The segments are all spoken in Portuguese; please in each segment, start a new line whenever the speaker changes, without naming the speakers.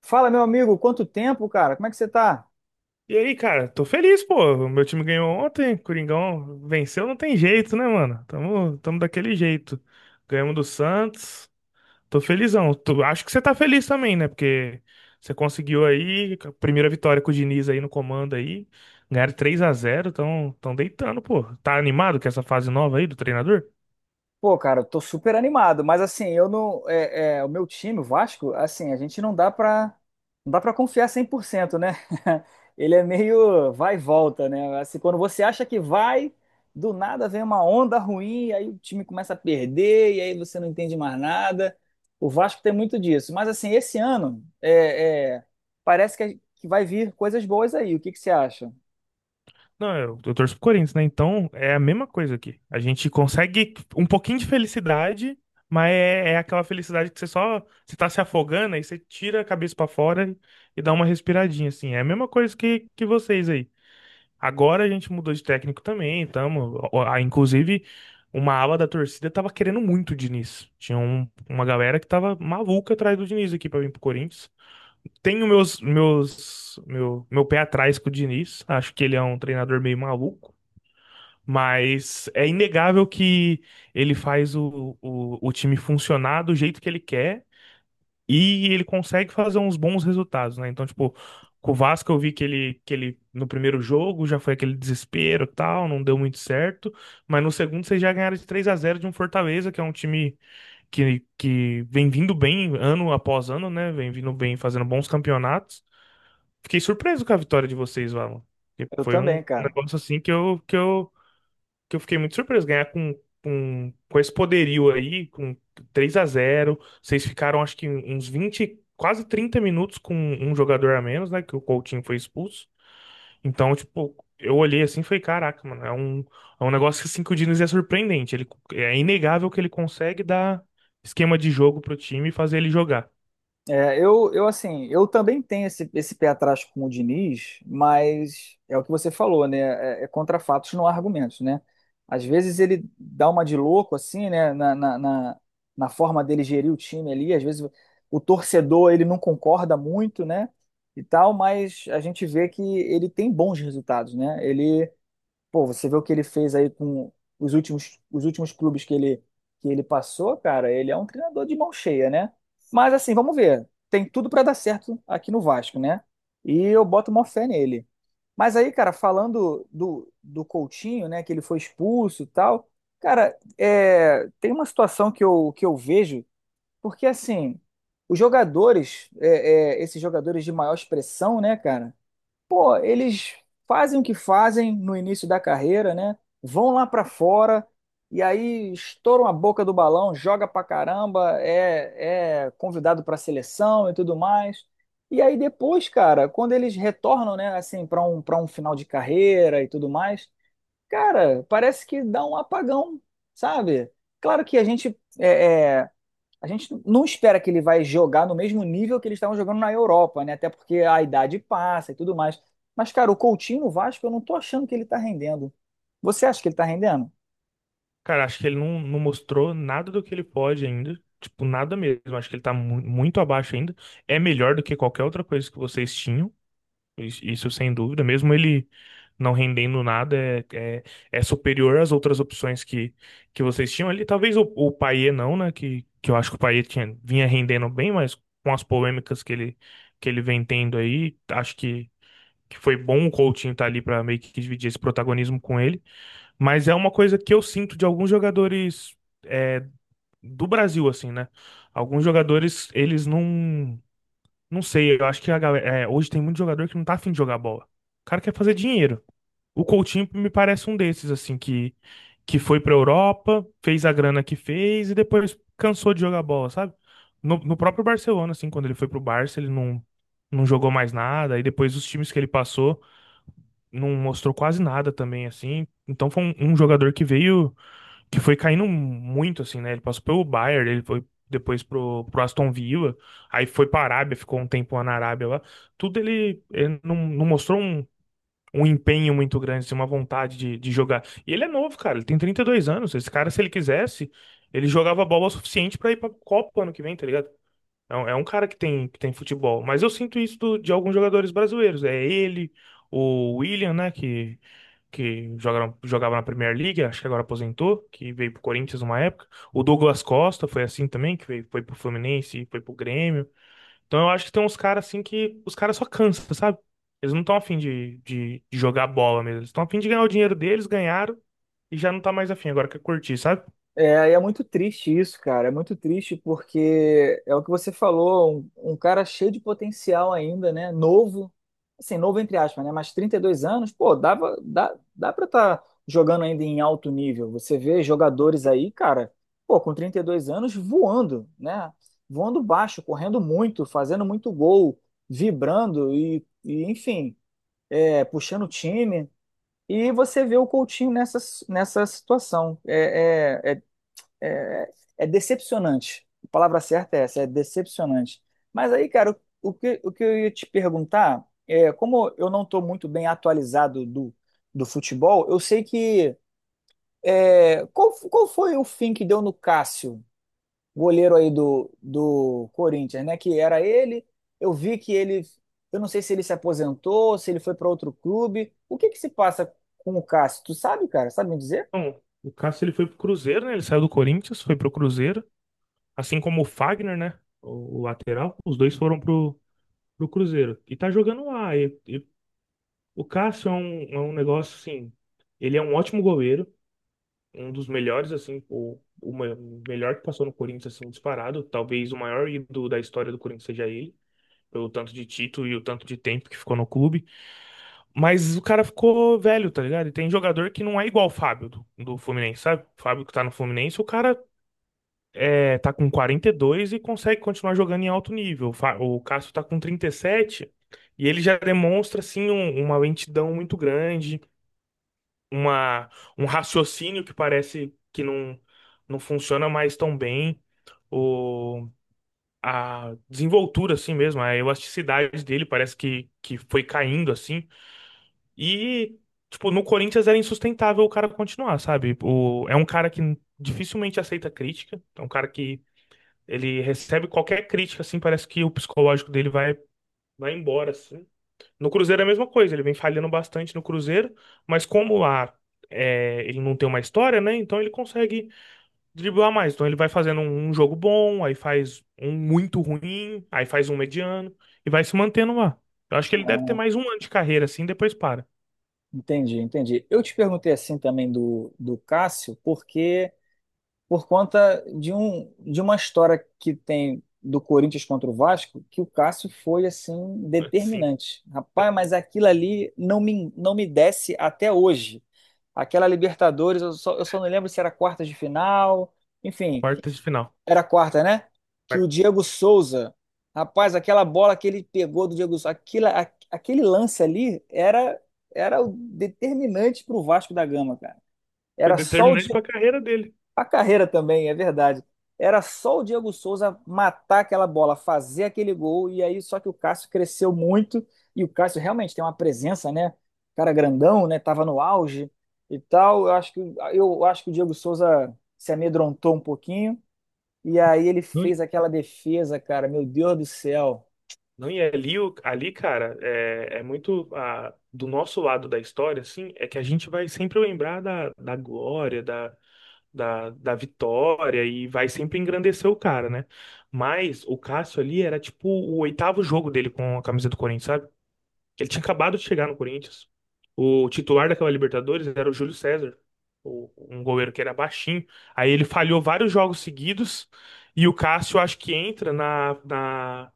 Fala, meu amigo, quanto tempo, cara? Como é que você tá?
E aí, cara, tô feliz, pô. Meu time ganhou ontem, Coringão venceu, não tem jeito, né, mano? Tamo daquele jeito. Ganhamos do Santos. Tô felizão. Acho que você tá feliz também, né? Porque você conseguiu aí a primeira vitória com o Diniz aí no comando aí. Ganharam 3 a 0. Tão deitando, pô. Tá animado com essa fase nova aí do treinador?
Pô, cara, eu tô super animado, mas assim, eu não. É, é, o meu time, o Vasco, assim, a gente não dá pra, não dá pra confiar 100%, né? Ele é meio vai e volta, né? Assim, quando você acha que vai, do nada vem uma onda ruim, aí o time começa a perder, e aí você não entende mais nada. O Vasco tem muito disso. Mas assim, esse ano, parece que vai vir coisas boas aí. O que que você acha?
Não, eu torço pro Corinthians, né? Então é a mesma coisa aqui. A gente consegue um pouquinho de felicidade, mas é aquela felicidade que você só você tá se afogando aí você tira a cabeça pra fora e dá uma respiradinha, assim. É a mesma coisa que vocês aí. Agora a gente mudou de técnico também, tamo. Inclusive, uma ala da torcida tava querendo muito o Diniz. Tinha uma galera que tava maluca atrás do Diniz aqui pra vir pro Corinthians. Tenho meu pé atrás com o Diniz. Acho que ele é um treinador meio maluco. Mas é inegável que ele faz o time funcionar do jeito que ele quer e ele consegue fazer uns bons resultados, né? Então, tipo, com o Vasco eu vi que ele no primeiro jogo já foi aquele desespero e tal, não deu muito certo, mas no segundo vocês já ganharam de 3 a 0 de um Fortaleza, que é um time que vem vindo bem ano após ano, né? Vem vindo bem, fazendo bons campeonatos. Fiquei surpreso com a vitória de vocês, Valon. Porque
Eu
foi um
também, cara.
negócio assim que eu fiquei muito surpreso ganhar com esse poderio aí, com 3 a 0. Vocês ficaram, acho que, uns 20 quase 30 minutos com um jogador a menos, né? Que o Coutinho foi expulso. Então, tipo, eu olhei assim e falei: caraca, mano, é um negócio que, assim, que o Diniz é surpreendente. Ele, é inegável que ele consegue dar esquema de jogo pro time e fazer ele jogar.
Eu assim, eu também tenho esse pé atrás com o Diniz, mas é o que você falou, né? É, é contra fatos, não há argumentos, né? Às vezes ele dá uma de louco, assim, né? Na forma dele gerir o time ali, às vezes o torcedor ele não concorda muito, né? E tal, mas a gente vê que ele tem bons resultados, né? Ele pô, você vê o que ele fez aí com os últimos clubes que ele passou, cara, ele é um treinador de mão cheia, né? Mas assim, vamos ver. Tem tudo pra dar certo aqui no Vasco, né? E eu boto uma fé nele. Mas aí, cara, falando do Coutinho, né, que ele foi expulso e tal, cara, é, tem uma situação que eu vejo, porque assim, os jogadores, esses jogadores de maior expressão, né, cara? Pô, eles fazem o que fazem no início da carreira, né? Vão lá pra fora e aí estouram a boca do balão, joga pra caramba, é convidado pra seleção e tudo mais. E aí depois, cara, quando eles retornam, né, assim, pra um, para um final de carreira e tudo mais, cara, parece que dá um apagão, sabe? Claro que a gente não espera que ele vai jogar no mesmo nível que eles estavam jogando na Europa, né? Até porque a idade passa e tudo mais. Mas, cara, o Coutinho no Vasco, eu não tô achando que ele tá rendendo. Você acha que ele tá rendendo?
Cara, acho que ele não mostrou nada do que ele pode ainda. Tipo, nada mesmo. Acho que ele tá muito abaixo ainda. É melhor do que qualquer outra coisa que vocês tinham. Isso sem dúvida, mesmo ele não rendendo nada, é, é superior às outras opções que vocês tinham ali. Talvez o Payet não, né? Que eu acho que o Payet tinha, vinha rendendo bem, mas com as polêmicas que ele vem tendo aí, acho que foi bom o Coutinho estar ali para meio que dividir esse protagonismo com ele. Mas é uma coisa que eu sinto de alguns jogadores é, do Brasil, assim, né? Alguns jogadores, eles não. Não sei, eu acho que a galera, é, hoje tem muito jogador que não tá afim de jogar bola. O cara quer fazer dinheiro. O Coutinho me parece um desses, assim, que foi pra Europa, fez a grana que fez e depois cansou de jogar bola, sabe? No próprio Barcelona, assim, quando ele foi pro Barça, ele não jogou mais nada. E depois os times que ele passou, não mostrou quase nada também, assim. Então foi um jogador que veio que foi caindo muito, assim, né? Ele passou pelo Bayern, ele foi depois pro Aston Villa, aí foi pra Arábia, ficou um tempo lá na Arábia lá. Tudo ele, ele não mostrou um empenho muito grande, assim, uma vontade de jogar. E ele é novo, cara, ele tem 32 anos. Esse cara, se ele quisesse, ele jogava bola o suficiente pra ir pra Copa ano que vem, tá ligado? É um cara que tem futebol. Mas eu sinto isso de alguns jogadores brasileiros. É ele, o William, né, que jogaram, jogava na Premier League, acho que agora aposentou, que veio pro Corinthians uma época. O Douglas Costa foi assim também, que veio, foi pro Fluminense, foi pro Grêmio. Então eu acho que tem uns caras assim que os caras só cansam, sabe? Eles não estão afim de jogar bola mesmo. Eles estão afim de ganhar o dinheiro deles, ganharam e já não tá mais afim, agora quer curtir, sabe?
É, e é muito triste isso, cara. É muito triste porque é o que você falou, um cara cheio de potencial ainda, né? Novo, assim, novo entre aspas, né? Mas 32 anos, pô, dá pra estar jogando ainda em alto nível. Você vê jogadores aí, cara, pô, com 32 anos voando, né? Voando baixo, correndo muito, fazendo muito gol, vibrando e enfim, é, puxando o time. E você vê o Coutinho nessa, nessa situação. É, é decepcionante. A palavra certa é essa, é decepcionante. Mas aí, cara, o que eu ia te perguntar é, como eu não estou muito bem atualizado do, do futebol, eu sei que é, qual, qual foi o fim que deu no Cássio, goleiro aí do Corinthians, né? Que era ele. Eu vi que ele, eu não sei se ele se aposentou, se ele foi para outro clube. O que que se passa com o Cássio? Tu sabe, cara? Sabe me dizer?
Bom, o Cássio ele foi pro Cruzeiro, né? Ele saiu do Corinthians, foi pro Cruzeiro, assim como o Fagner, né? O lateral, os dois foram pro Cruzeiro. E tá jogando lá. E o Cássio é é um negócio assim. Ele é um ótimo goleiro, um dos melhores, assim, o melhor que passou no Corinthians, assim, disparado. Talvez o maior ídolo da história do Corinthians seja ele, pelo tanto de título e o tanto de tempo que ficou no clube. Mas o cara ficou velho, tá ligado? E tem jogador que não é igual o Fábio do Fluminense, sabe? O Fábio que tá no Fluminense, o cara é, tá com 42 e consegue continuar jogando em alto nível. O Cássio tá com 37 e sete e ele já demonstra assim uma lentidão muito grande, uma, um raciocínio que parece que não, não funciona mais tão bem. O, a desenvoltura assim mesmo, a elasticidade dele parece que foi caindo assim. E tipo, no Corinthians era insustentável o cara continuar, sabe? O, é um cara que dificilmente aceita crítica, é um cara que ele recebe qualquer crítica, assim, parece que o psicológico dele vai embora, assim. No Cruzeiro é a mesma coisa, ele vem falhando bastante no Cruzeiro, mas como lá é, ele não tem uma história, né? Então ele consegue driblar mais. Então ele vai fazendo um jogo bom, aí faz um muito ruim, aí faz um mediano e vai se mantendo lá. Eu acho que ele deve ter mais um ano de carreira, assim, depois para.
Entendi, entendi. Eu te perguntei assim também do Cássio, porque por conta de um de uma história que tem do Corinthians contra o Vasco, que o Cássio foi assim
Sim,
determinante. Rapaz, mas aquilo ali não me desce até hoje. Aquela Libertadores, eu só não lembro se era quartas de final, enfim,
quartas de final.
era a quarta, né? Que o
Vai-
Diego Souza, rapaz, aquela bola que ele pegou do Diego Souza, aquilo, aquele lance ali era o determinante para o Vasco da Gama, cara.
Foi
Era só o
determinante pra
Diego,
carreira dele.
a carreira também, é verdade. Era só o Diego Souza matar aquela bola, fazer aquele gol, e aí só que o Cássio cresceu muito, e o Cássio realmente tem uma presença, né? Cara grandão, né? Tava no auge e tal. Eu acho que o Diego Souza se amedrontou um pouquinho. E aí ele fez aquela defesa, cara, meu Deus do céu.
Não, e ali, ali, cara, é, é muito ah, do nosso lado da história, assim, é que a gente vai sempre lembrar da glória, da vitória e vai sempre engrandecer o cara, né? Mas o Cássio ali era tipo o oitavo jogo dele com a camisa do Corinthians, ele tinha acabado de chegar no Corinthians. O titular daquela Libertadores era o Júlio César, um goleiro que era baixinho. Aí ele falhou vários jogos seguidos e o Cássio acho que entra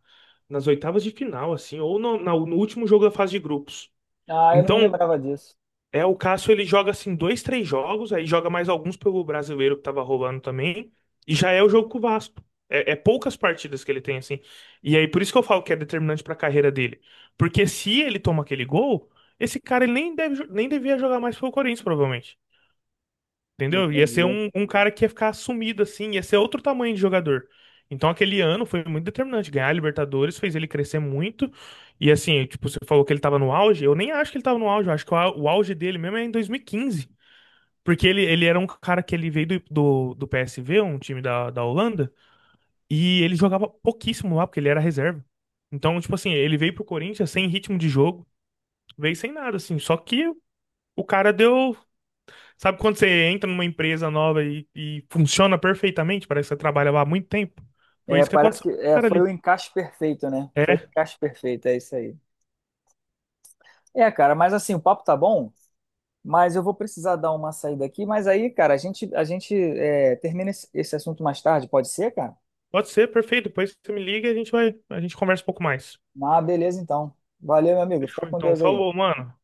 nas oitavas de final, assim, ou no último jogo da fase de grupos.
Ah, eu não me
Então,
lembrava disso.
é, o Cássio ele joga assim dois, três jogos, aí joga mais alguns pelo brasileiro que tava rolando também, e já é o jogo com o Vasco. É, é poucas partidas que ele tem assim. E aí por isso que eu falo que é determinante pra carreira dele. Porque se ele toma aquele gol, esse cara ele nem deve, nem devia jogar mais pelo Corinthians, provavelmente. Entendeu? Ia ser
Entendi.
um cara que ia ficar sumido assim, ia ser outro tamanho de jogador. Então aquele ano foi muito determinante. Ganhar a Libertadores fez ele crescer muito. E assim, tipo, você falou que ele tava no auge. Eu nem acho que ele tava no auge, eu acho que o auge dele mesmo é em 2015. Porque ele era um cara que ele veio do PSV, um time da Holanda, e ele jogava pouquíssimo lá, porque ele era reserva. Então, tipo assim, ele veio pro Corinthians sem ritmo de jogo, veio sem nada, assim. Só que o cara deu. Sabe quando você entra numa empresa nova e funciona perfeitamente? Parece que você trabalha lá há muito tempo. Foi
É,
isso que
parece
aconteceu
que
com o
é,
cara
foi o
ali.
encaixe perfeito, né? Foi o
É,
encaixe perfeito, é isso aí. É, cara, mas assim, o papo tá bom, mas eu vou precisar dar uma saída aqui. Mas aí, cara, a gente é, termina esse esse assunto mais tarde, pode ser, cara?
pode ser, perfeito. Depois você me liga e a gente vai, a gente conversa um pouco mais.
Ah, beleza, então. Valeu, meu amigo. Fica
Fechou,
com
então.
Deus aí.
Falou, mano.